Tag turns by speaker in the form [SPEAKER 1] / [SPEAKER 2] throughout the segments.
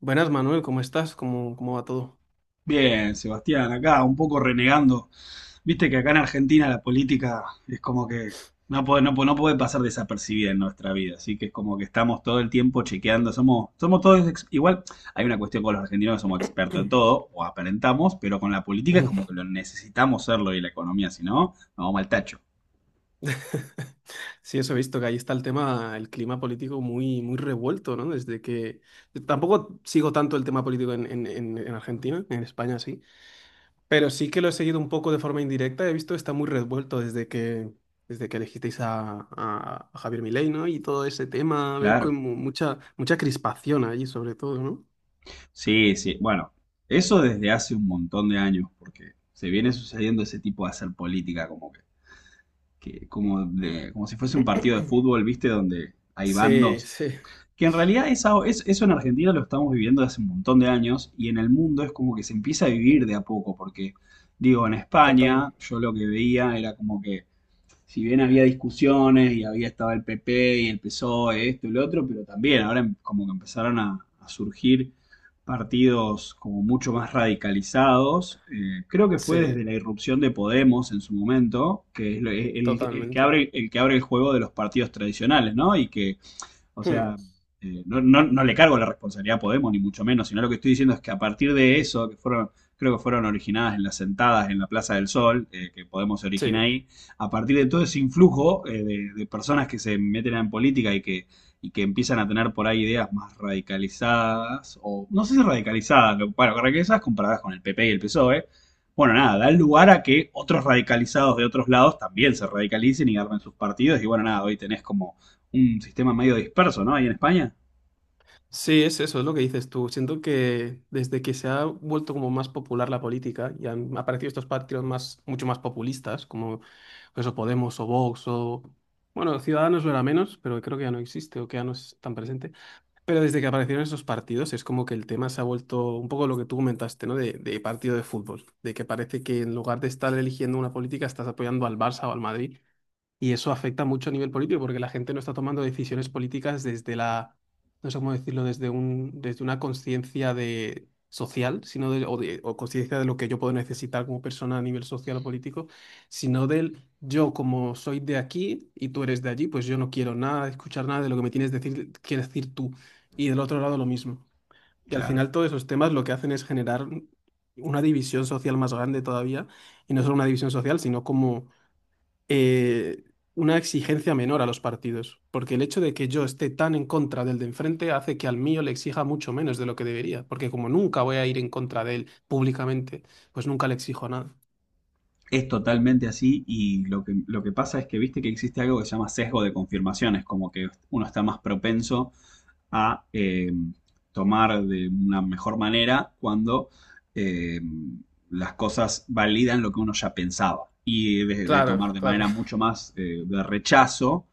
[SPEAKER 1] Buenas, Manuel, ¿cómo estás? ¿Cómo va todo?
[SPEAKER 2] Bien, Sebastián, acá un poco renegando. Viste que acá en Argentina la política es como que no puede pasar desapercibida en nuestra vida, así que es como que estamos todo el tiempo chequeando, somos todos, igual hay una cuestión con los argentinos que somos expertos en todo, o aparentamos, pero con la política es como que lo necesitamos serlo y la economía, si no, nos vamos al tacho.
[SPEAKER 1] Sí, eso he visto que ahí está el tema, el clima político muy, muy revuelto, ¿no? Desde que... Tampoco sigo tanto el tema político en Argentina, en España sí, pero sí que lo he seguido un poco de forma indirecta, he visto que está muy revuelto desde que elegisteis a Javier Milei, ¿no? Y todo ese tema, veo
[SPEAKER 2] Claro.
[SPEAKER 1] como mucha, mucha crispación allí sobre todo, ¿no?
[SPEAKER 2] Sí, sí, bueno, eso desde hace un montón de años, porque se viene sucediendo ese tipo de hacer política, como que como, de, como si fuese un partido de fútbol, ¿viste? Donde hay
[SPEAKER 1] Sí,
[SPEAKER 2] bandos.
[SPEAKER 1] sí,
[SPEAKER 2] Que en realidad eso en Argentina lo estamos viviendo desde hace un montón de años y en el mundo es como que se empieza a vivir de a poco, porque digo, en
[SPEAKER 1] total.
[SPEAKER 2] España yo lo que veía era como que si bien había discusiones y había estado el PP y el PSOE, esto y lo otro, pero también ahora como que empezaron a surgir partidos como mucho más radicalizados. Creo que fue desde
[SPEAKER 1] Sí,
[SPEAKER 2] la irrupción de Podemos en su momento, que es el que
[SPEAKER 1] totalmente.
[SPEAKER 2] abre, el que abre el juego de los partidos tradicionales, ¿no? Y que o
[SPEAKER 1] Hmm,
[SPEAKER 2] sea, no le cargo la responsabilidad a Podemos, ni mucho menos, sino lo que estoy diciendo es que a partir de eso, que fueron, creo que fueron originadas en las sentadas en la Plaza del Sol, que Podemos se
[SPEAKER 1] sí.
[SPEAKER 2] origina ahí, a partir de todo ese influjo de personas que se meten en política y que empiezan a tener por ahí ideas más radicalizadas, o no sé si radicalizadas, pero, bueno, radicalizadas comparadas con el PP y el PSOE, bueno, nada, da lugar a que otros radicalizados de otros lados también se radicalicen y armen sus partidos. Y bueno, nada, hoy tenés como un sistema medio disperso, ¿no? Ahí en España.
[SPEAKER 1] Sí, es eso, es lo que dices tú. Siento que desde que se ha vuelto como más popular la política y han aparecido estos partidos más, mucho más populistas, como eso Podemos o Vox o... Bueno, Ciudadanos lo era menos, pero creo que ya no existe o que ya no es tan presente. Pero desde que aparecieron esos partidos es como que el tema se ha vuelto un poco lo que tú comentaste, ¿no? De partido de fútbol, de que parece que en lugar de estar eligiendo una política estás apoyando al Barça o al Madrid, y eso afecta mucho a nivel político porque la gente no está tomando decisiones políticas desde la, no sé cómo decirlo, desde un, desde una conciencia de social, sino de- o conciencia de lo que yo puedo necesitar como persona a nivel social o político, sino del yo como soy de aquí y tú eres de allí, pues yo no quiero nada, escuchar nada de lo que me tienes que decir tú. Y del otro lado lo mismo. Y al
[SPEAKER 2] Claro.
[SPEAKER 1] final todos esos temas lo que hacen es generar una división social más grande todavía, y no solo una división social, sino como eh, una exigencia menor a los partidos, porque el hecho de que yo esté tan en contra del de enfrente hace que al mío le exija mucho menos de lo que debería, porque como nunca voy a ir en contra de él públicamente, pues nunca le exijo nada.
[SPEAKER 2] Es totalmente así y lo que pasa es que viste que existe algo que se llama sesgo de confirmaciones, como que uno está más propenso a tomar de una mejor manera cuando eh, las cosas validan lo que uno ya pensaba y de
[SPEAKER 1] Claro,
[SPEAKER 2] tomar de
[SPEAKER 1] claro.
[SPEAKER 2] manera mucho más de rechazo,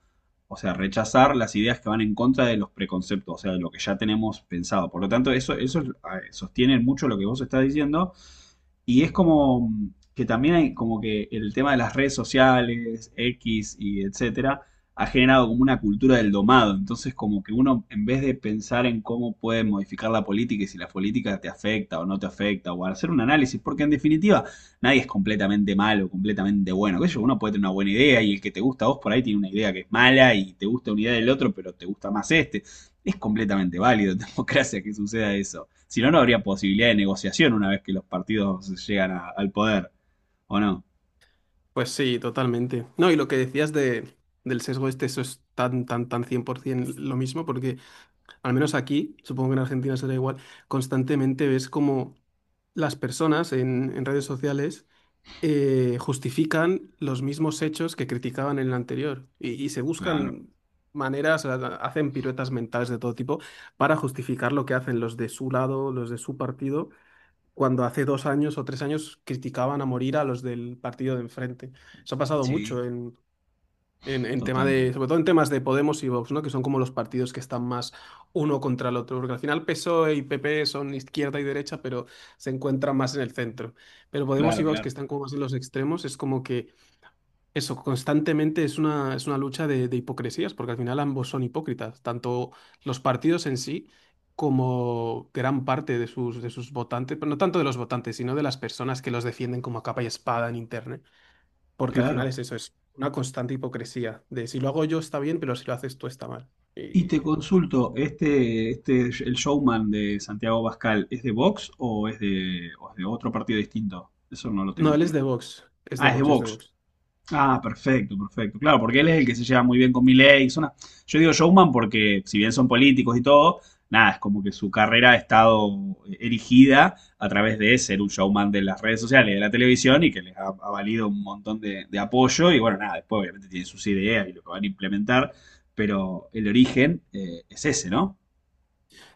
[SPEAKER 2] o sea, rechazar las ideas que van en contra de los preconceptos, o sea, de lo que ya tenemos pensado. Por lo tanto, eso sostiene mucho lo que vos estás diciendo. Y es como que también hay como que el tema de las redes sociales, X y etcétera, ha generado como una cultura del domado. Entonces, como que uno, en vez de pensar en cómo puede modificar la política y si la política te afecta o no te afecta, o hacer un análisis, porque en definitiva nadie es completamente malo, completamente bueno. Que uno puede tener una buena idea y el que te gusta a vos por ahí tiene una idea que es mala y te gusta una idea del otro, pero te gusta más este. Es completamente válido en democracia que suceda eso. Si no, no habría posibilidad de negociación una vez que los partidos llegan al poder. ¿O no?
[SPEAKER 1] Pues sí, totalmente. No, y lo que decías del sesgo este, eso es tan, tan, tan 100% lo mismo, porque al menos aquí, supongo que en Argentina será igual, constantemente ves como las personas en redes sociales justifican los mismos hechos que criticaban en el anterior y se
[SPEAKER 2] Claro.
[SPEAKER 1] buscan maneras, hacen piruetas mentales de todo tipo para justificar lo que hacen los de su lado, los de su partido, cuando hace 2 años o 3 años criticaban a morir a los del partido de enfrente. Eso ha pasado
[SPEAKER 2] Sí,
[SPEAKER 1] mucho en tema de,
[SPEAKER 2] totalmente.
[SPEAKER 1] sobre todo en temas de Podemos y Vox, ¿no? Que son como los partidos que están más uno contra el otro, porque al final PSOE y PP son izquierda y derecha, pero se encuentran más en el centro. Pero Podemos y
[SPEAKER 2] Claro,
[SPEAKER 1] Vox, que
[SPEAKER 2] claro,
[SPEAKER 1] están como más en los extremos, es como que eso constantemente es una, lucha de hipocresías, porque al final ambos son hipócritas, tanto los partidos en sí como gran parte de sus votantes, pero no tanto de los votantes, sino de las personas que los defienden como a capa y espada en internet, porque al final
[SPEAKER 2] claro.
[SPEAKER 1] es eso, es una constante hipocresía de si lo hago yo está bien, pero si lo haces tú está mal.
[SPEAKER 2] Y te
[SPEAKER 1] Y...
[SPEAKER 2] consulto, este, el showman de Santiago Bascal, ¿es de Vox o es de otro partido distinto? Eso no lo
[SPEAKER 1] No,
[SPEAKER 2] tengo
[SPEAKER 1] él es
[SPEAKER 2] claro.
[SPEAKER 1] de Vox, es de
[SPEAKER 2] Ah, es de
[SPEAKER 1] Vox, es de
[SPEAKER 2] Vox.
[SPEAKER 1] Vox.
[SPEAKER 2] Ah, perfecto, perfecto. Claro, porque él es el que se lleva muy bien con Milei. Yo digo showman porque, si bien son políticos y todo, nada, es como que su carrera ha estado erigida a través de ser un showman de las redes sociales, de la televisión y que les ha, valido un montón de apoyo. Y bueno, nada, después obviamente tienen sus ideas y lo que van a implementar, pero el origen es ese, ¿no?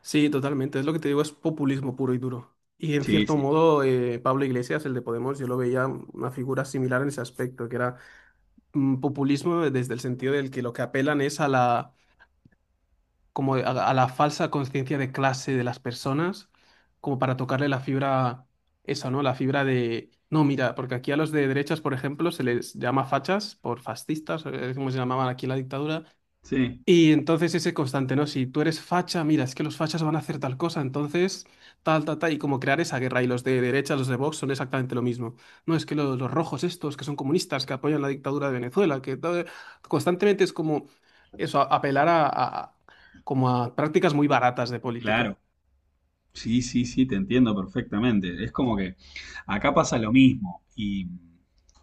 [SPEAKER 1] Sí, totalmente, es lo que te digo, es populismo puro y duro. Y en
[SPEAKER 2] Sí,
[SPEAKER 1] cierto
[SPEAKER 2] sí,
[SPEAKER 1] modo, Pablo Iglesias, el de Podemos, yo lo veía una figura similar en ese aspecto, que era populismo desde el sentido del que lo que apelan es a la como a la falsa conciencia de clase de las personas, como para tocarle la fibra, esa, ¿no? No, mira, porque aquí a los de derechas, por ejemplo, se les llama fachas por fascistas, como se llamaban aquí en la dictadura,
[SPEAKER 2] sí,
[SPEAKER 1] y entonces ese constante, ¿no? Si tú eres facha, mira, es que los fachas van a hacer tal cosa, entonces tal, tal, tal, y como crear esa guerra. Y los de derecha, los de Vox, son exactamente lo mismo. No, es que los rojos estos, que son comunistas, que apoyan la dictadura de Venezuela, que tal, constantemente es como eso, apelar como a prácticas muy baratas de
[SPEAKER 2] claro.
[SPEAKER 1] política.
[SPEAKER 2] Sí, sí, sí, te entiendo perfectamente. Es como que acá pasa lo mismo. Y,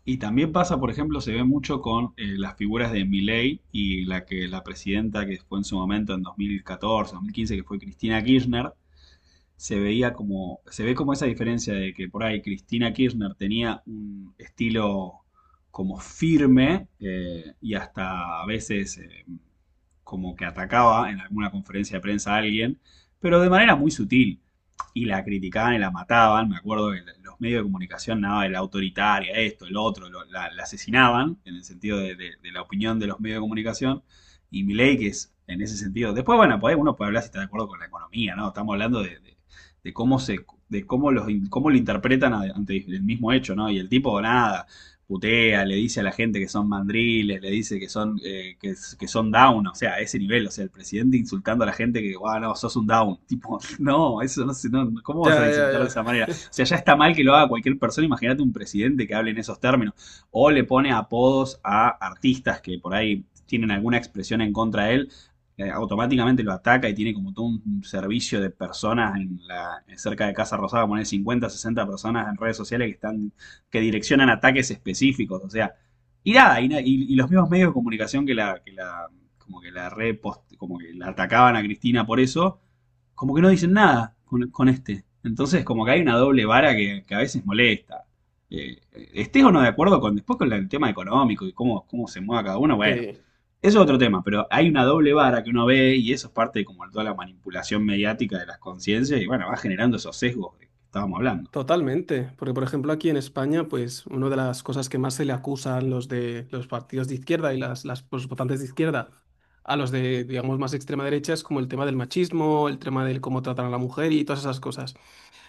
[SPEAKER 2] y también pasa, por ejemplo, se ve mucho con las figuras de Milei y la que la presidenta que fue en su momento en 2014, 2015 que fue Cristina Kirchner, se veía como, se ve como esa diferencia de que por ahí Cristina Kirchner tenía un estilo como firme y hasta a veces como que atacaba en alguna conferencia de prensa a alguien, pero de manera muy sutil. Y la criticaban y la mataban, me acuerdo que los medios de comunicación, nada, de la autoritaria, esto, el otro, la asesinaban, en el sentido de la opinión de los medios de comunicación, y Milei que es en ese sentido. Después, bueno, uno puede hablar si está de acuerdo con la economía, ¿no? Estamos hablando de cómo se, de cómo los, cómo lo interpretan ante el mismo hecho, ¿no? Y el tipo nada, putea, le dice a la gente que son mandriles, le dice que son down, o sea, a ese nivel, o sea, el presidente insultando a la gente que, wow, no, sos un down, tipo, no, eso no sé, no, ¿cómo
[SPEAKER 1] Ya,
[SPEAKER 2] vas a
[SPEAKER 1] ya,
[SPEAKER 2] insultar
[SPEAKER 1] ya.
[SPEAKER 2] de esa manera? O sea, ya está mal que lo haga cualquier persona, imagínate un presidente que hable en esos términos, o le pone apodos a artistas que por ahí tienen alguna expresión en contra de él, automáticamente lo ataca y tiene como todo un servicio de personas en la, cerca de Casa Rosada, poner 50, 60 personas en redes sociales que están, que direccionan ataques específicos, o sea, y nada, y los mismos medios de comunicación que la, como que la repost, como que la atacaban a Cristina por eso, como que no dicen nada con este. Entonces, como que hay una doble vara que a veces molesta. Estés o no de acuerdo con después con el tema económico y cómo se mueve cada uno, bueno,
[SPEAKER 1] Sí.
[SPEAKER 2] es otro tema, pero hay una doble vara que uno ve y eso es parte de como toda la manipulación mediática de las conciencias y bueno, va generando esos sesgos de que estábamos hablando.
[SPEAKER 1] Totalmente, porque por ejemplo aquí en España, pues una de las cosas que más se le acusan los de los partidos de izquierda y las los votantes de izquierda a los de, digamos, más extrema derecha es como el tema del machismo, el tema del cómo tratan a la mujer y todas esas cosas.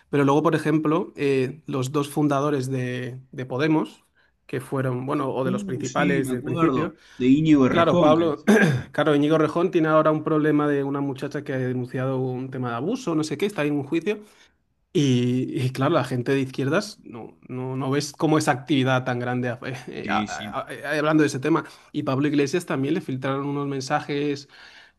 [SPEAKER 1] Pero luego, por ejemplo, los dos fundadores de Podemos, que fueron, bueno, o de los
[SPEAKER 2] Sí,
[SPEAKER 1] principales
[SPEAKER 2] me
[SPEAKER 1] del
[SPEAKER 2] acuerdo,
[SPEAKER 1] principio,
[SPEAKER 2] de Íñigo
[SPEAKER 1] claro,
[SPEAKER 2] Errejón, que
[SPEAKER 1] Pablo, claro, Íñigo Rejón tiene ahora un problema de una muchacha que ha denunciado un tema de abuso, no sé qué, está ahí en un juicio. Y claro, la gente de izquierdas no, no, no ves como esa actividad tan grande a-
[SPEAKER 2] sí, sí.
[SPEAKER 1] a- hablando de ese tema. Y Pablo Iglesias también le filtraron unos mensajes,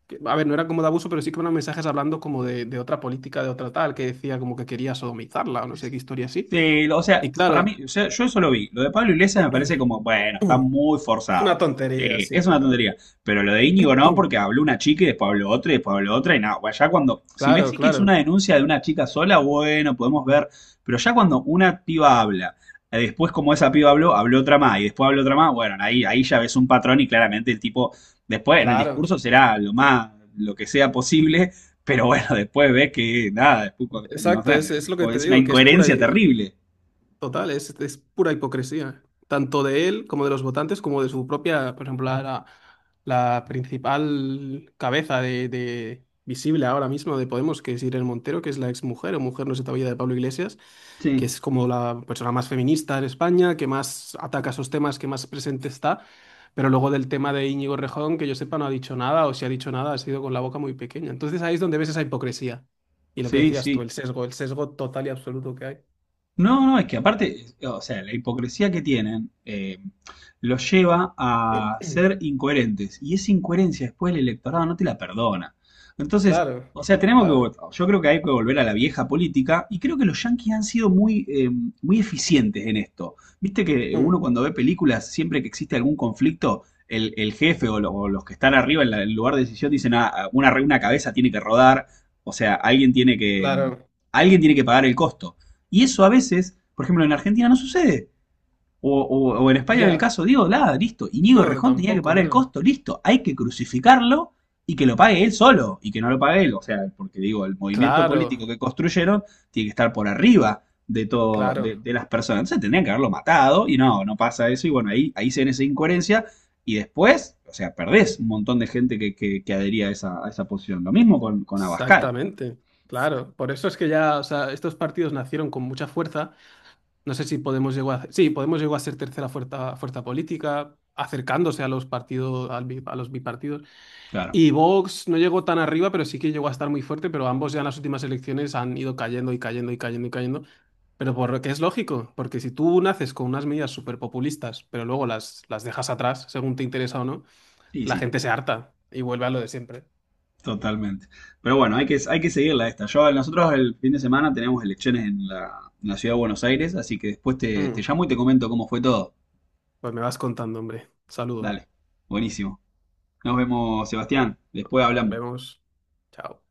[SPEAKER 1] que, a ver, no era como de abuso, pero sí que eran mensajes hablando como de, otra política, de otra tal, que decía como que quería sodomizarla o no sé qué historia así.
[SPEAKER 2] Sí, o sea,
[SPEAKER 1] Y
[SPEAKER 2] para mí,
[SPEAKER 1] claro,
[SPEAKER 2] o sea, yo eso lo vi. Lo de Pablo Iglesias me parece como,
[SPEAKER 1] es
[SPEAKER 2] bueno, está muy
[SPEAKER 1] una
[SPEAKER 2] forzado.
[SPEAKER 1] tontería,
[SPEAKER 2] Sí,
[SPEAKER 1] sí,
[SPEAKER 2] es una
[SPEAKER 1] pero...
[SPEAKER 2] tontería. Pero lo de Íñigo no, porque habló una chica y después habló otra y después habló otra y nada. Bueno, ya cuando, si me
[SPEAKER 1] Claro,
[SPEAKER 2] decís que es una
[SPEAKER 1] claro,
[SPEAKER 2] denuncia de una chica sola, bueno, podemos ver. Pero ya cuando una piba habla, después como esa piba habló, habló otra más y después habló otra más, bueno, ahí ya ves un patrón y claramente el tipo, después en el
[SPEAKER 1] claro.
[SPEAKER 2] discurso será lo más, lo que sea posible pero bueno, después ves que nada, después, no sé,
[SPEAKER 1] Exacto, es, lo que te
[SPEAKER 2] es una
[SPEAKER 1] digo, que es pura,
[SPEAKER 2] incoherencia terrible.
[SPEAKER 1] Total, es pura hipocresía, tanto de él como de los votantes, como de su propia, por ejemplo, la principal cabeza visible ahora mismo de Podemos, que es Irene Montero, que es la exmujer o mujer no se todavía de Pablo Iglesias, que
[SPEAKER 2] Sí.
[SPEAKER 1] es como la persona más feminista en España, que más ataca esos temas, que más presente está. Pero luego del tema de Íñigo Rejón, que yo sepa, no ha dicho nada, o si ha dicho nada, ha sido con la boca muy pequeña. Entonces ahí es donde ves esa hipocresía. Y lo que
[SPEAKER 2] Sí,
[SPEAKER 1] decías tú,
[SPEAKER 2] sí.
[SPEAKER 1] el sesgo total y absoluto que hay.
[SPEAKER 2] No, no, es que aparte, o sea, la hipocresía que tienen los lleva a ser incoherentes. Y esa incoherencia después el electorado no te la perdona. Entonces,
[SPEAKER 1] Claro,
[SPEAKER 2] o sea, tenemos
[SPEAKER 1] claro,
[SPEAKER 2] que, yo creo que hay que volver a la vieja política y creo que los yanquis han sido muy, muy eficientes en esto. Viste que
[SPEAKER 1] mm,
[SPEAKER 2] uno cuando ve películas, siempre que existe algún conflicto, el jefe o, o los que están arriba en el lugar de decisión dicen, "Ah, una cabeza tiene que rodar, o sea,
[SPEAKER 1] claro.
[SPEAKER 2] alguien tiene que pagar el costo. Y eso a veces, por ejemplo, en Argentina no sucede. O, o en España en el
[SPEAKER 1] Ya.
[SPEAKER 2] caso, digo, nada, listo. Íñigo
[SPEAKER 1] No,
[SPEAKER 2] Rejón tenía que
[SPEAKER 1] tampoco,
[SPEAKER 2] pagar el
[SPEAKER 1] claro.
[SPEAKER 2] costo, listo. Hay que crucificarlo y que lo pague él solo y que no lo pague él. O sea, porque digo, el movimiento
[SPEAKER 1] Claro,
[SPEAKER 2] político que construyeron tiene que estar por arriba de todo,
[SPEAKER 1] claro,
[SPEAKER 2] de las personas. Entonces tendrían que haberlo matado y no, no pasa eso. Y bueno, ahí se ven esa incoherencia y después, o sea, perdés un montón de gente que adhería a esa posición. Lo mismo con, Abascal,
[SPEAKER 1] exactamente. Claro, por eso es que ya, o sea, estos partidos nacieron con mucha fuerza. No sé si Podemos llegó a, sí, Podemos llegó a ser tercera fuerza, fuerza política, acercándose a los partidos, al a los bipartidos.
[SPEAKER 2] claro.
[SPEAKER 1] Y Vox no llegó tan arriba, pero sí que llegó a estar muy fuerte, pero ambos ya en las últimas elecciones han ido cayendo y cayendo y cayendo y cayendo. Pero por lo que es lógico, porque si tú naces con unas medidas súper populistas, pero luego las, dejas atrás, según te interesa o no,
[SPEAKER 2] Sí,
[SPEAKER 1] la
[SPEAKER 2] sí.
[SPEAKER 1] gente se harta y vuelve a lo de siempre.
[SPEAKER 2] Totalmente. Pero bueno, hay que seguirla esta. Nosotros el fin de semana tenemos elecciones en la ciudad de Buenos Aires, así que después te
[SPEAKER 1] Mm.
[SPEAKER 2] llamo y te comento cómo fue todo.
[SPEAKER 1] Pues me vas contando, hombre. Saludo.
[SPEAKER 2] Dale, buenísimo. Nos vemos, Sebastián. Después
[SPEAKER 1] Nos
[SPEAKER 2] hablamos.
[SPEAKER 1] vemos. Chao.